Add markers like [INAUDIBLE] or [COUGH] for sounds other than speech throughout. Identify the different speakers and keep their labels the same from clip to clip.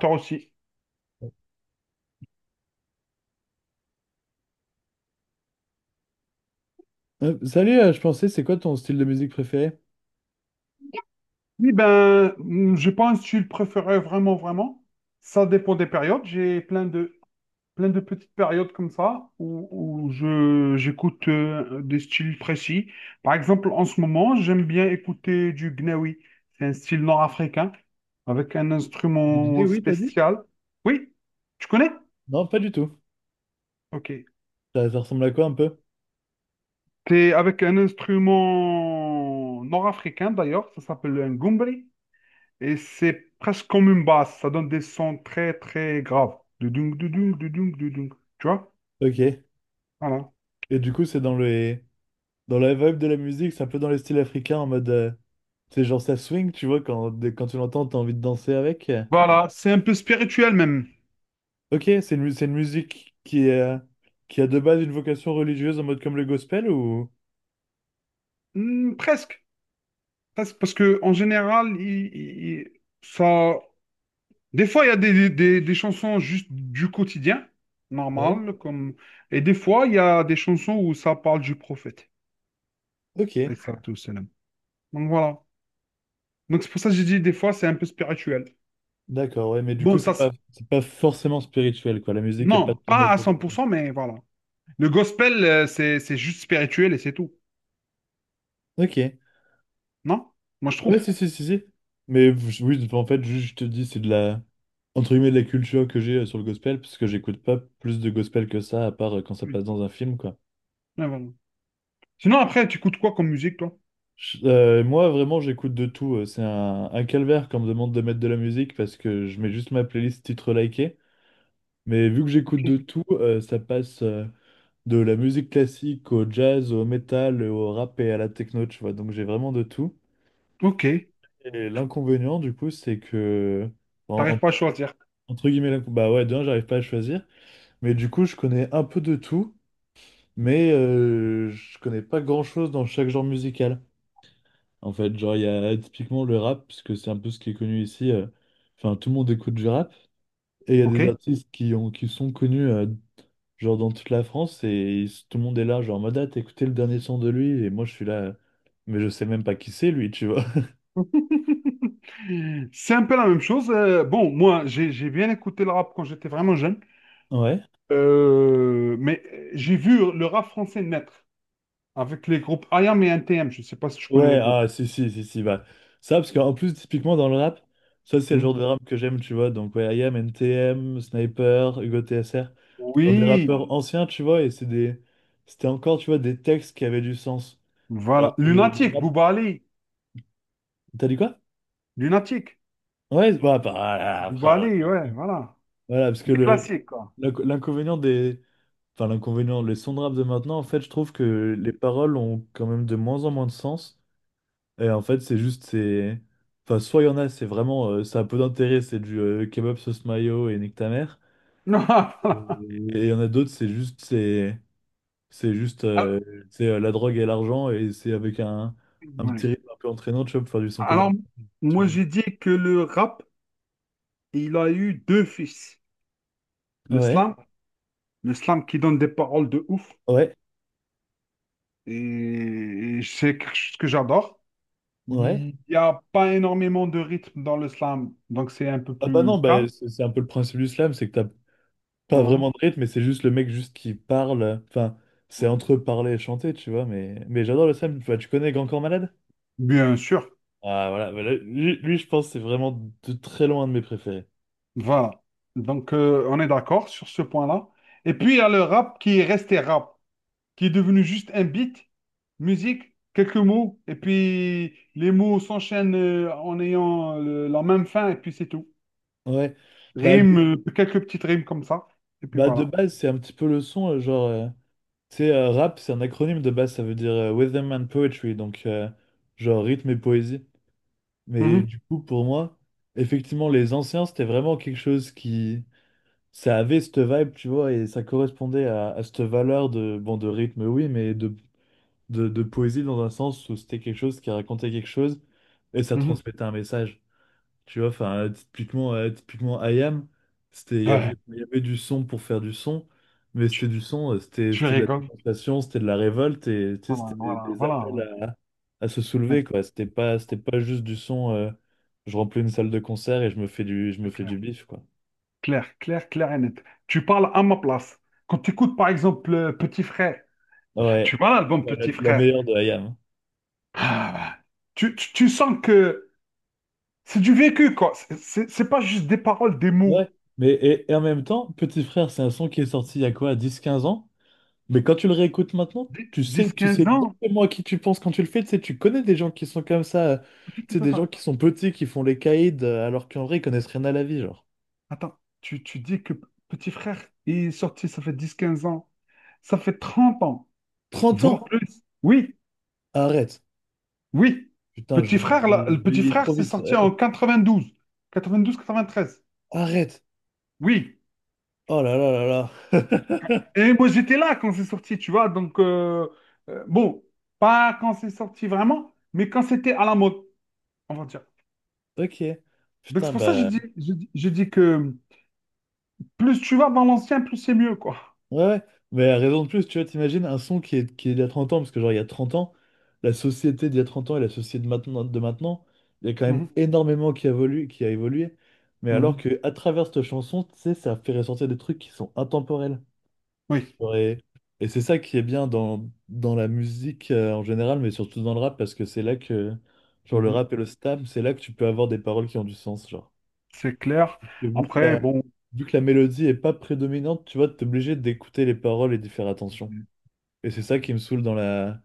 Speaker 1: Toi aussi.
Speaker 2: Salut, je pensais, c'est quoi ton style de musique préféré?
Speaker 1: Oui, ben, j'ai pas un style préféré vraiment. Ça dépend des périodes. Plein de petites périodes comme ça j'écoute des styles précis. Par exemple, en ce moment, j'aime bien écouter du gnawi. C'est un style nord-africain avec un
Speaker 2: Du Gné,
Speaker 1: instrument
Speaker 2: oui, t'as dit?
Speaker 1: spécial. Oui, tu connais?
Speaker 2: Non, pas du tout.
Speaker 1: Ok.
Speaker 2: Ça ressemble à quoi un peu?
Speaker 1: C'est avec un instrument nord-africain d'ailleurs. Ça s'appelle un gumbri. Et c'est presque comme une basse. Ça donne des sons très graves. Dudung, dudung, dudung, dudung. Tu vois?
Speaker 2: Ok. Et
Speaker 1: Voilà.
Speaker 2: du coup, c'est dans la vibe de la musique, c'est un peu dans les styles africains en mode. C'est genre ça swing, tu vois, quand tu l'entends, t'as envie de danser avec.
Speaker 1: Voilà, c'est un peu spirituel même.
Speaker 2: Ok, c'est une musique qui est, qui a de base une vocation religieuse en mode comme le gospel ou.
Speaker 1: Hmm, presque. Presque, parce que en général, ça... des fois, il y a des chansons juste du quotidien,
Speaker 2: Ouais.
Speaker 1: normal, comme... Et des fois, il y a des chansons où ça parle du prophète.
Speaker 2: Ok,
Speaker 1: Alayhi salatu wassalam. Donc voilà. Donc c'est pour ça que j'ai dit, des fois, c'est un peu spirituel.
Speaker 2: d'accord, ouais, mais du coup,
Speaker 1: Bon,
Speaker 2: c'est
Speaker 1: ça... c'est-
Speaker 2: pas, c'est pas forcément spirituel, quoi. La musique est pas
Speaker 1: Non,
Speaker 2: tournée
Speaker 1: pas à
Speaker 2: autour de
Speaker 1: cent
Speaker 2: ça.
Speaker 1: pour cent, mais voilà. Le gospel, c'est juste spirituel et c'est tout.
Speaker 2: Ok.
Speaker 1: Non? Moi, je
Speaker 2: Ouais,
Speaker 1: trouve.
Speaker 2: si, si, si, si. Mais oui, en fait, juste, je te dis, c'est de la, entre guillemets, de la culture que j'ai sur le gospel, parce que j'écoute pas plus de gospel que ça, à part quand ça
Speaker 1: Oui.
Speaker 2: passe dans un film, quoi.
Speaker 1: Ouais, voilà. Sinon, après, tu écoutes quoi comme musique, toi?
Speaker 2: Moi, vraiment, j'écoute de tout. C'est un calvaire quand on me demande de mettre de la musique, parce que je mets juste ma playlist titre liké. Mais vu que j'écoute
Speaker 1: Ok.
Speaker 2: de tout, ça passe de la musique classique au jazz, au métal, au rap et à la techno, tu vois. Donc j'ai vraiment de tout.
Speaker 1: Ok.
Speaker 2: Et l'inconvénient, du coup, c'est que...
Speaker 1: T'arrives
Speaker 2: en
Speaker 1: pas à choisir.
Speaker 2: Entre guillemets, la... bah ouais, d'un, j'arrive pas à choisir. Mais du coup, je connais un peu de tout, mais je connais pas grand-chose dans chaque genre musical. En fait, genre, il y a typiquement le rap, puisque c'est un peu ce qui est connu ici. Enfin, tout le monde écoute du rap. Et il y a
Speaker 1: Ok.
Speaker 2: des artistes qui sont connus, genre, dans toute la France, et tout le monde est là, genre, en mode, ah, t'as écouté le dernier son de lui, et moi, je suis là, mais je sais même pas qui c'est, lui, tu vois. [LAUGHS]
Speaker 1: [LAUGHS] C'est un peu la même chose. Moi, j'ai bien écouté le rap quand j'étais vraiment jeune.
Speaker 2: Ouais.
Speaker 1: Mais j'ai vu le rap français naître avec les groupes IAM et NTM. Je ne sais pas si tu connais
Speaker 2: Ouais,
Speaker 1: les groupes.
Speaker 2: ah, si, si, si, si, bah, ça, parce qu'en plus, typiquement dans le rap, ça, c'est le
Speaker 1: Hmm.
Speaker 2: genre de rap que j'aime, tu vois, donc, ouais, IAM, NTM, Sniper, Hugo TSR, genre des
Speaker 1: Oui,
Speaker 2: rappeurs anciens, tu vois, et c'était encore, tu vois, des textes qui avaient du sens, alors
Speaker 1: voilà.
Speaker 2: que le
Speaker 1: Lunatique,
Speaker 2: rap,
Speaker 1: Bouba Ali.
Speaker 2: t'as dit quoi?
Speaker 1: Lunatique.
Speaker 2: Ouais, bah, bah, ah, ah,
Speaker 1: Bouba
Speaker 2: frère,
Speaker 1: Ali, ouais, voilà.
Speaker 2: voilà, parce que
Speaker 1: Des classiques, quoi.
Speaker 2: l'inconvénient des, enfin, l'inconvénient, les sons de rap de maintenant, en fait, je trouve que les paroles ont quand même de moins en moins de sens. Et en fait, c'est juste, c'est. Enfin, soit il y en a, c'est vraiment. Ça a peu d'intérêt, c'est du kebab sauce mayo et nique ta mère.
Speaker 1: [LAUGHS]
Speaker 2: Et
Speaker 1: Voilà.
Speaker 2: il y en a d'autres, c'est juste. C'est juste.
Speaker 1: Alors,
Speaker 2: C'est la drogue et l'argent, et c'est avec un petit
Speaker 1: ouais.
Speaker 2: rythme un peu entraînant, tu vois, pour faire du son commercial.
Speaker 1: Alors, moi, j'ai dit que le rap, il a eu deux fils. Le
Speaker 2: Ouais,
Speaker 1: slam, le slam qui donne des paroles de ouf,
Speaker 2: ouais,
Speaker 1: et c'est quelque chose que j'adore.
Speaker 2: ouais.
Speaker 1: Il n'y a pas énormément de rythme dans le slam, donc c'est un peu
Speaker 2: Ah bah non,
Speaker 1: plus calme.
Speaker 2: bah, c'est un peu le principe du slam, c'est que t'as pas
Speaker 1: Voilà.
Speaker 2: vraiment de rythme, mais c'est juste le mec juste qui parle. Enfin, c'est entre parler et chanter, tu vois, mais j'adore le slam. Enfin, tu connais Grand Corps Malade?
Speaker 1: Bien sûr,
Speaker 2: Ah, voilà, voilà. Lui, je pense que c'est vraiment de très loin un de mes préférés.
Speaker 1: voilà. Donc, on est d'accord sur ce point-là. Et puis, il y a le rap qui est resté rap, qui est devenu juste un beat, musique, quelques mots, et puis les mots s'enchaînent en ayant la même fin, et puis c'est tout.
Speaker 2: Ouais. Bah,
Speaker 1: Rime, quelques petites rimes comme ça, et puis
Speaker 2: bah, de
Speaker 1: voilà.
Speaker 2: base, c'est un petit peu le son, genre. Tu sais, rap, c'est un acronyme de base, ça veut dire Rhythm and Poetry, donc genre rythme et poésie. Mais
Speaker 1: Mhm,
Speaker 2: du coup, pour moi, effectivement, les anciens, c'était vraiment quelque chose qui. Ça avait cette vibe, tu vois, et ça correspondait à cette valeur de, bon, de rythme, oui, mais de poésie dans un sens où c'était quelque chose qui racontait quelque chose et ça
Speaker 1: mhm.
Speaker 2: transmettait un message. Tu vois, enfin, typiquement IAM, c'était, il y avait,
Speaker 1: Ouais,
Speaker 2: il y avait du son pour faire du son, mais
Speaker 1: tu,
Speaker 2: c'était du son, c'était,
Speaker 1: tu
Speaker 2: c'était de la
Speaker 1: rigoles.
Speaker 2: démonstration, c'était de la révolte, et tu sais,
Speaker 1: Voilà,
Speaker 2: c'était des,
Speaker 1: voilà,
Speaker 2: des
Speaker 1: voilà,
Speaker 2: appels
Speaker 1: ouais,
Speaker 2: à se
Speaker 1: ouais,
Speaker 2: soulever, quoi. C'était pas juste du son, je remplis une salle de concert et je me
Speaker 1: c'est
Speaker 2: fais du
Speaker 1: clair.
Speaker 2: bif, quoi.
Speaker 1: Clair et net. Tu parles à ma place. Quand tu écoutes, par exemple, Petit Frère,
Speaker 2: Ah ouais,
Speaker 1: tu vois l'album
Speaker 2: ouais, la,
Speaker 1: Petit
Speaker 2: la
Speaker 1: Frère.
Speaker 2: meilleure de IAM, hein.
Speaker 1: Ah, bah, tu sens que c'est du vécu, quoi. C'est pas juste des paroles, des mots.
Speaker 2: Ouais, mais et en même temps, Petit Frère, c'est un son qui est sorti il y a quoi, dix quinze ans? Mais quand tu le réécoutes maintenant, tu sais,
Speaker 1: dix
Speaker 2: tu sais
Speaker 1: quinze ans?
Speaker 2: exactement à qui tu penses quand tu le fais. Tu sais, tu connais des gens qui sont comme ça.
Speaker 1: Attends,
Speaker 2: Tu sais,
Speaker 1: attends,
Speaker 2: des gens
Speaker 1: attends.
Speaker 2: qui sont petits, qui font les caïds, alors qu'en vrai, ils connaissent rien à la vie, genre.
Speaker 1: Attends. Tu dis que petit frère il est sorti, ça fait 10 15 ans. Ça fait 30 ans,
Speaker 2: trente
Speaker 1: voire
Speaker 2: ans!
Speaker 1: plus. Oui,
Speaker 2: Arrête!
Speaker 1: oui.
Speaker 2: Putain, je
Speaker 1: Petit
Speaker 2: vais
Speaker 1: frère, là,
Speaker 2: vais
Speaker 1: le petit
Speaker 2: vieillir
Speaker 1: frère,
Speaker 2: trop
Speaker 1: c'est
Speaker 2: vite.
Speaker 1: sorti en quatre-vingt-douze quatre-vingt-treize.
Speaker 2: Arrête!
Speaker 1: Oui.
Speaker 2: Oh là là là là!
Speaker 1: Et moi, j'étais là quand c'est sorti, tu vois. Donc, euh, bon, pas quand c'est sorti vraiment, mais quand c'était à la mode, on va dire.
Speaker 2: [LAUGHS] Ok.
Speaker 1: Donc, c'est
Speaker 2: Putain,
Speaker 1: pour ça que je
Speaker 2: bah.
Speaker 1: dis, je dis que plus tu vas dans l'ancien, plus c'est mieux, quoi.
Speaker 2: Ouais, ouais. Mais à raison de plus, tu vois, t'imagines un son qui est d'il y a 30 ans, parce que genre il y a 30 ans, la société d'il y a 30 ans et la société de maintenant, il y a quand même
Speaker 1: Mhm,
Speaker 2: énormément qui a évolué. Mais alors
Speaker 1: mhm.
Speaker 2: que à travers cette chanson, tu sais, ça fait ressortir des trucs qui sont intemporels.
Speaker 1: Oui.
Speaker 2: Genre. Et c'est ça qui est bien dans la musique en général, mais surtout dans le rap, parce que c'est là que, genre le
Speaker 1: Mhm.
Speaker 2: rap et le slam, c'est là que tu peux avoir des paroles qui ont du sens, genre.
Speaker 1: C'est clair.
Speaker 2: Et
Speaker 1: Après, bon,
Speaker 2: vu que la mélodie est pas prédominante, tu vois, t'es obligé d'écouter les paroles et d'y faire attention. Et c'est ça qui me saoule dans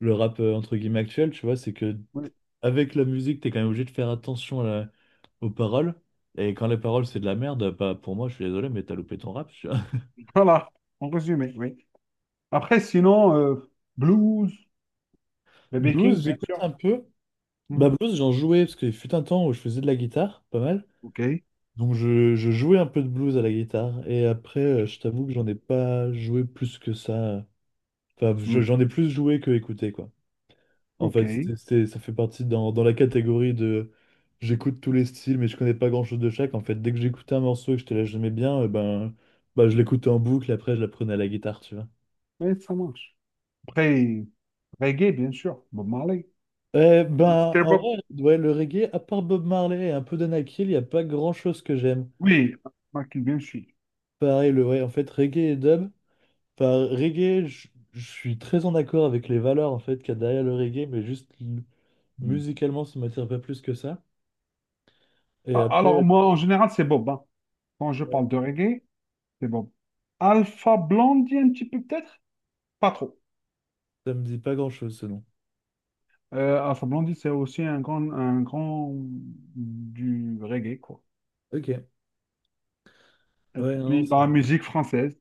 Speaker 2: le rap entre guillemets actuel, tu vois, c'est que
Speaker 1: oui,
Speaker 2: avec la musique, t'es quand même obligé de faire attention aux paroles. Et quand les paroles, c'est de la merde, bah, pour moi, je suis désolé, mais t'as loupé ton rap, tu vois.
Speaker 1: voilà, en résumé, oui. Après, sinon, blues,
Speaker 2: [LAUGHS]
Speaker 1: BB
Speaker 2: Blues,
Speaker 1: King, bien
Speaker 2: j'écoute
Speaker 1: sûr.
Speaker 2: un peu.
Speaker 1: Mhm.
Speaker 2: Bah, blues, j'en jouais parce qu'il fut un temps où je faisais de la guitare, pas mal.
Speaker 1: OK.
Speaker 2: Donc, je jouais un peu de blues à la guitare. Et après, je t'avoue que j'en ai pas joué plus que ça. Enfin,
Speaker 1: Mhm.
Speaker 2: j'en ai plus joué que écouté, quoi. En fait,
Speaker 1: OK.
Speaker 2: ça fait partie dans la catégorie de j'écoute tous les styles, mais je connais pas grand-chose de chaque. En fait, dès que j'écoutais un morceau et que je te la j'aimais bien, eh ben, bah, je l'écoutais en boucle, après je la prenais à la guitare, tu vois.
Speaker 1: Oui, ça marche. Après, reggae, bien sûr. Bob Marley.
Speaker 2: Eh ben,
Speaker 1: C'était
Speaker 2: en
Speaker 1: Bob.
Speaker 2: vrai, ouais, le reggae, à part Bob Marley et un peu d'Anakil, il n'y a pas grand-chose que j'aime.
Speaker 1: Oui, Michael, bien sûr.
Speaker 2: Pareil, le ouais, en fait, reggae et dub. Enfin, reggae, je suis très en accord avec les valeurs en fait qu'il y a derrière le reggae, mais
Speaker 1: Mhm.
Speaker 2: musicalement, ça m'attire pas plus que ça. Et
Speaker 1: Ah,
Speaker 2: après,
Speaker 1: alors, moi, en général, c'est Bob, hein. Quand je
Speaker 2: ouais,
Speaker 1: parle de reggae, c'est Bob. Alpha Blondie, un petit peu peut-être? Pas trop.
Speaker 2: ça me dit pas grand-chose ce nom.
Speaker 1: Alpha Blondie, c'est aussi un grand du reggae, quoi.
Speaker 2: Ok.
Speaker 1: Et
Speaker 2: Ouais, non,
Speaker 1: puis,
Speaker 2: ça...
Speaker 1: la musique française,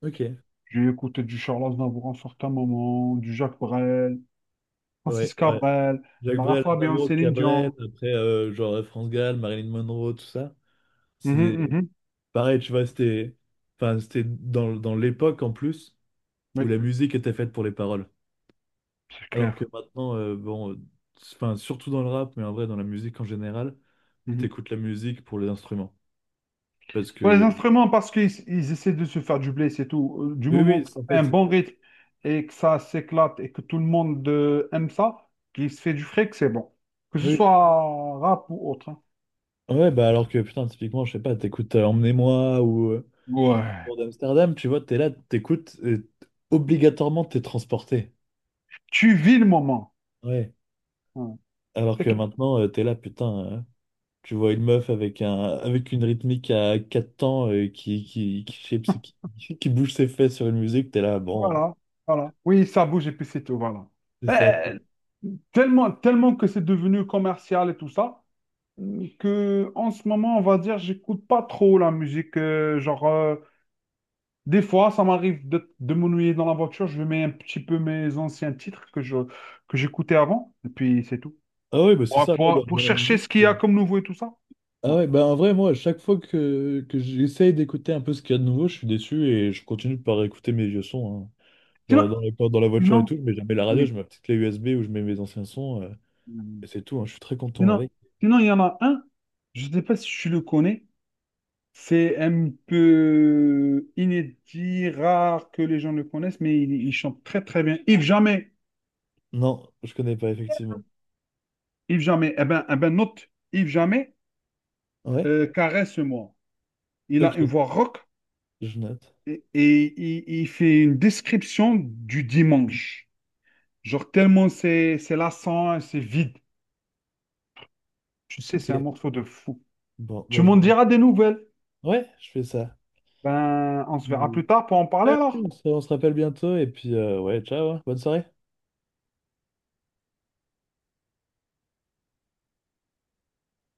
Speaker 2: Ok.
Speaker 1: j'ai écouté du Charles Aznavour en certains moments, du Jacques Brel,
Speaker 2: Ouais,
Speaker 1: Francis
Speaker 2: ouais.
Speaker 1: Cabrel,
Speaker 2: Jacques
Speaker 1: Lara
Speaker 2: Brel,
Speaker 1: Fabian,
Speaker 2: Aznavour,
Speaker 1: Céline
Speaker 2: Cabrel,
Speaker 1: Dion.
Speaker 2: après, genre, France Gall, Marilyn Monroe, tout ça. C'est
Speaker 1: Mhm,
Speaker 2: des-
Speaker 1: mhm.
Speaker 2: Pareil, tu vois, c'était... Enfin, c'était dans l'époque, en plus, où
Speaker 1: Oui,
Speaker 2: la musique était faite pour les paroles.
Speaker 1: c'est
Speaker 2: Alors que
Speaker 1: clair.
Speaker 2: maintenant, bon... Enfin, surtout dans le rap, mais en vrai, dans la musique en général,
Speaker 1: Mhm.
Speaker 2: t'écoutes la musique pour les instruments. Parce
Speaker 1: Pour les
Speaker 2: que...
Speaker 1: instruments, parce qu'ils essaient de se faire du blé, c'est tout. Du
Speaker 2: Oui,
Speaker 1: moment
Speaker 2: oui,
Speaker 1: que ça
Speaker 2: en
Speaker 1: fait
Speaker 2: fait,
Speaker 1: un
Speaker 2: c'est ça.
Speaker 1: bon rythme et que ça s'éclate et que tout le monde aime ça, qu'il se fait du fric, c'est bon. Que ce
Speaker 2: Oui.
Speaker 1: soit rap ou autre, hein.
Speaker 2: Ouais, bah alors que, putain, typiquement, je sais pas, t'écoutes Emmenez-moi, ou...
Speaker 1: Ouais.
Speaker 2: Pour d'Amsterdam, tu vois, t'es là, t'écoutes, et obligatoirement t'es transporté.
Speaker 1: Tu vis le moment.
Speaker 2: Ouais.
Speaker 1: Ouais.
Speaker 2: Alors
Speaker 1: C'est
Speaker 2: que maintenant, t'es là, putain, tu vois une meuf avec un avec une rythmique à quatre temps qui bouge ses fesses sur une musique, t'es là, bon,
Speaker 1: Voilà, voilà. Oui, ça bouge et puis c'est tout, voilà.
Speaker 2: c'est ça.
Speaker 1: Euh, tellement que c'est devenu commercial et tout ça, que en ce moment, on va dire, j'écoute pas trop la musique. Des fois, ça m'arrive de m'ennuyer dans la voiture, je mets un petit peu mes anciens titres que j'écoutais avant, et puis c'est tout.
Speaker 2: Ah ouais, bah c'est
Speaker 1: Pour,
Speaker 2: ça, moi, dans,
Speaker 1: pour, pour
Speaker 2: dans la
Speaker 1: chercher
Speaker 2: musique.
Speaker 1: ce qu'il y a comme nouveau et tout ça.
Speaker 2: Ah
Speaker 1: Non.
Speaker 2: ouais, bah en vrai, moi, à chaque fois que j'essaye d'écouter un peu ce qu'il y a de nouveau, je suis déçu et je continue par écouter mes vieux sons, hein. Dans,
Speaker 1: Sinon,
Speaker 2: dans, les- dans la voiture et
Speaker 1: sinon,
Speaker 2: tout, je mets jamais la radio, je
Speaker 1: oui.
Speaker 2: mets ma petite clé USB où je mets mes anciens sons. Et c'est tout, hein, je suis très content
Speaker 1: Sinon,
Speaker 2: avec.
Speaker 1: il y en a un, je ne sais pas si tu le connais. C'est un peu inédit, rare que les gens le connaissent, mais il chante très bien. Yves Jamais,
Speaker 2: Non, je connais pas, effectivement.
Speaker 1: Yves Jamais, eh ben note, Yves Jamais,
Speaker 2: Ouais?
Speaker 1: caresse-moi. Il a une
Speaker 2: Ok,
Speaker 1: voix rock
Speaker 2: je note.
Speaker 1: et il fait une description du dimanche. Genre tellement c'est lassant, c'est vide. Tu sais,
Speaker 2: Ok.
Speaker 1: c'est un morceau de fou.
Speaker 2: Bon, bah
Speaker 1: Tu
Speaker 2: je
Speaker 1: m'en
Speaker 2: vais...
Speaker 1: diras des nouvelles.
Speaker 2: Ouais, je fais ça.
Speaker 1: Ben, on se verra
Speaker 2: Mm.
Speaker 1: plus tard pour en parler alors.
Speaker 2: On se rappelle bientôt et puis ouais, ciao, hein, bonne soirée.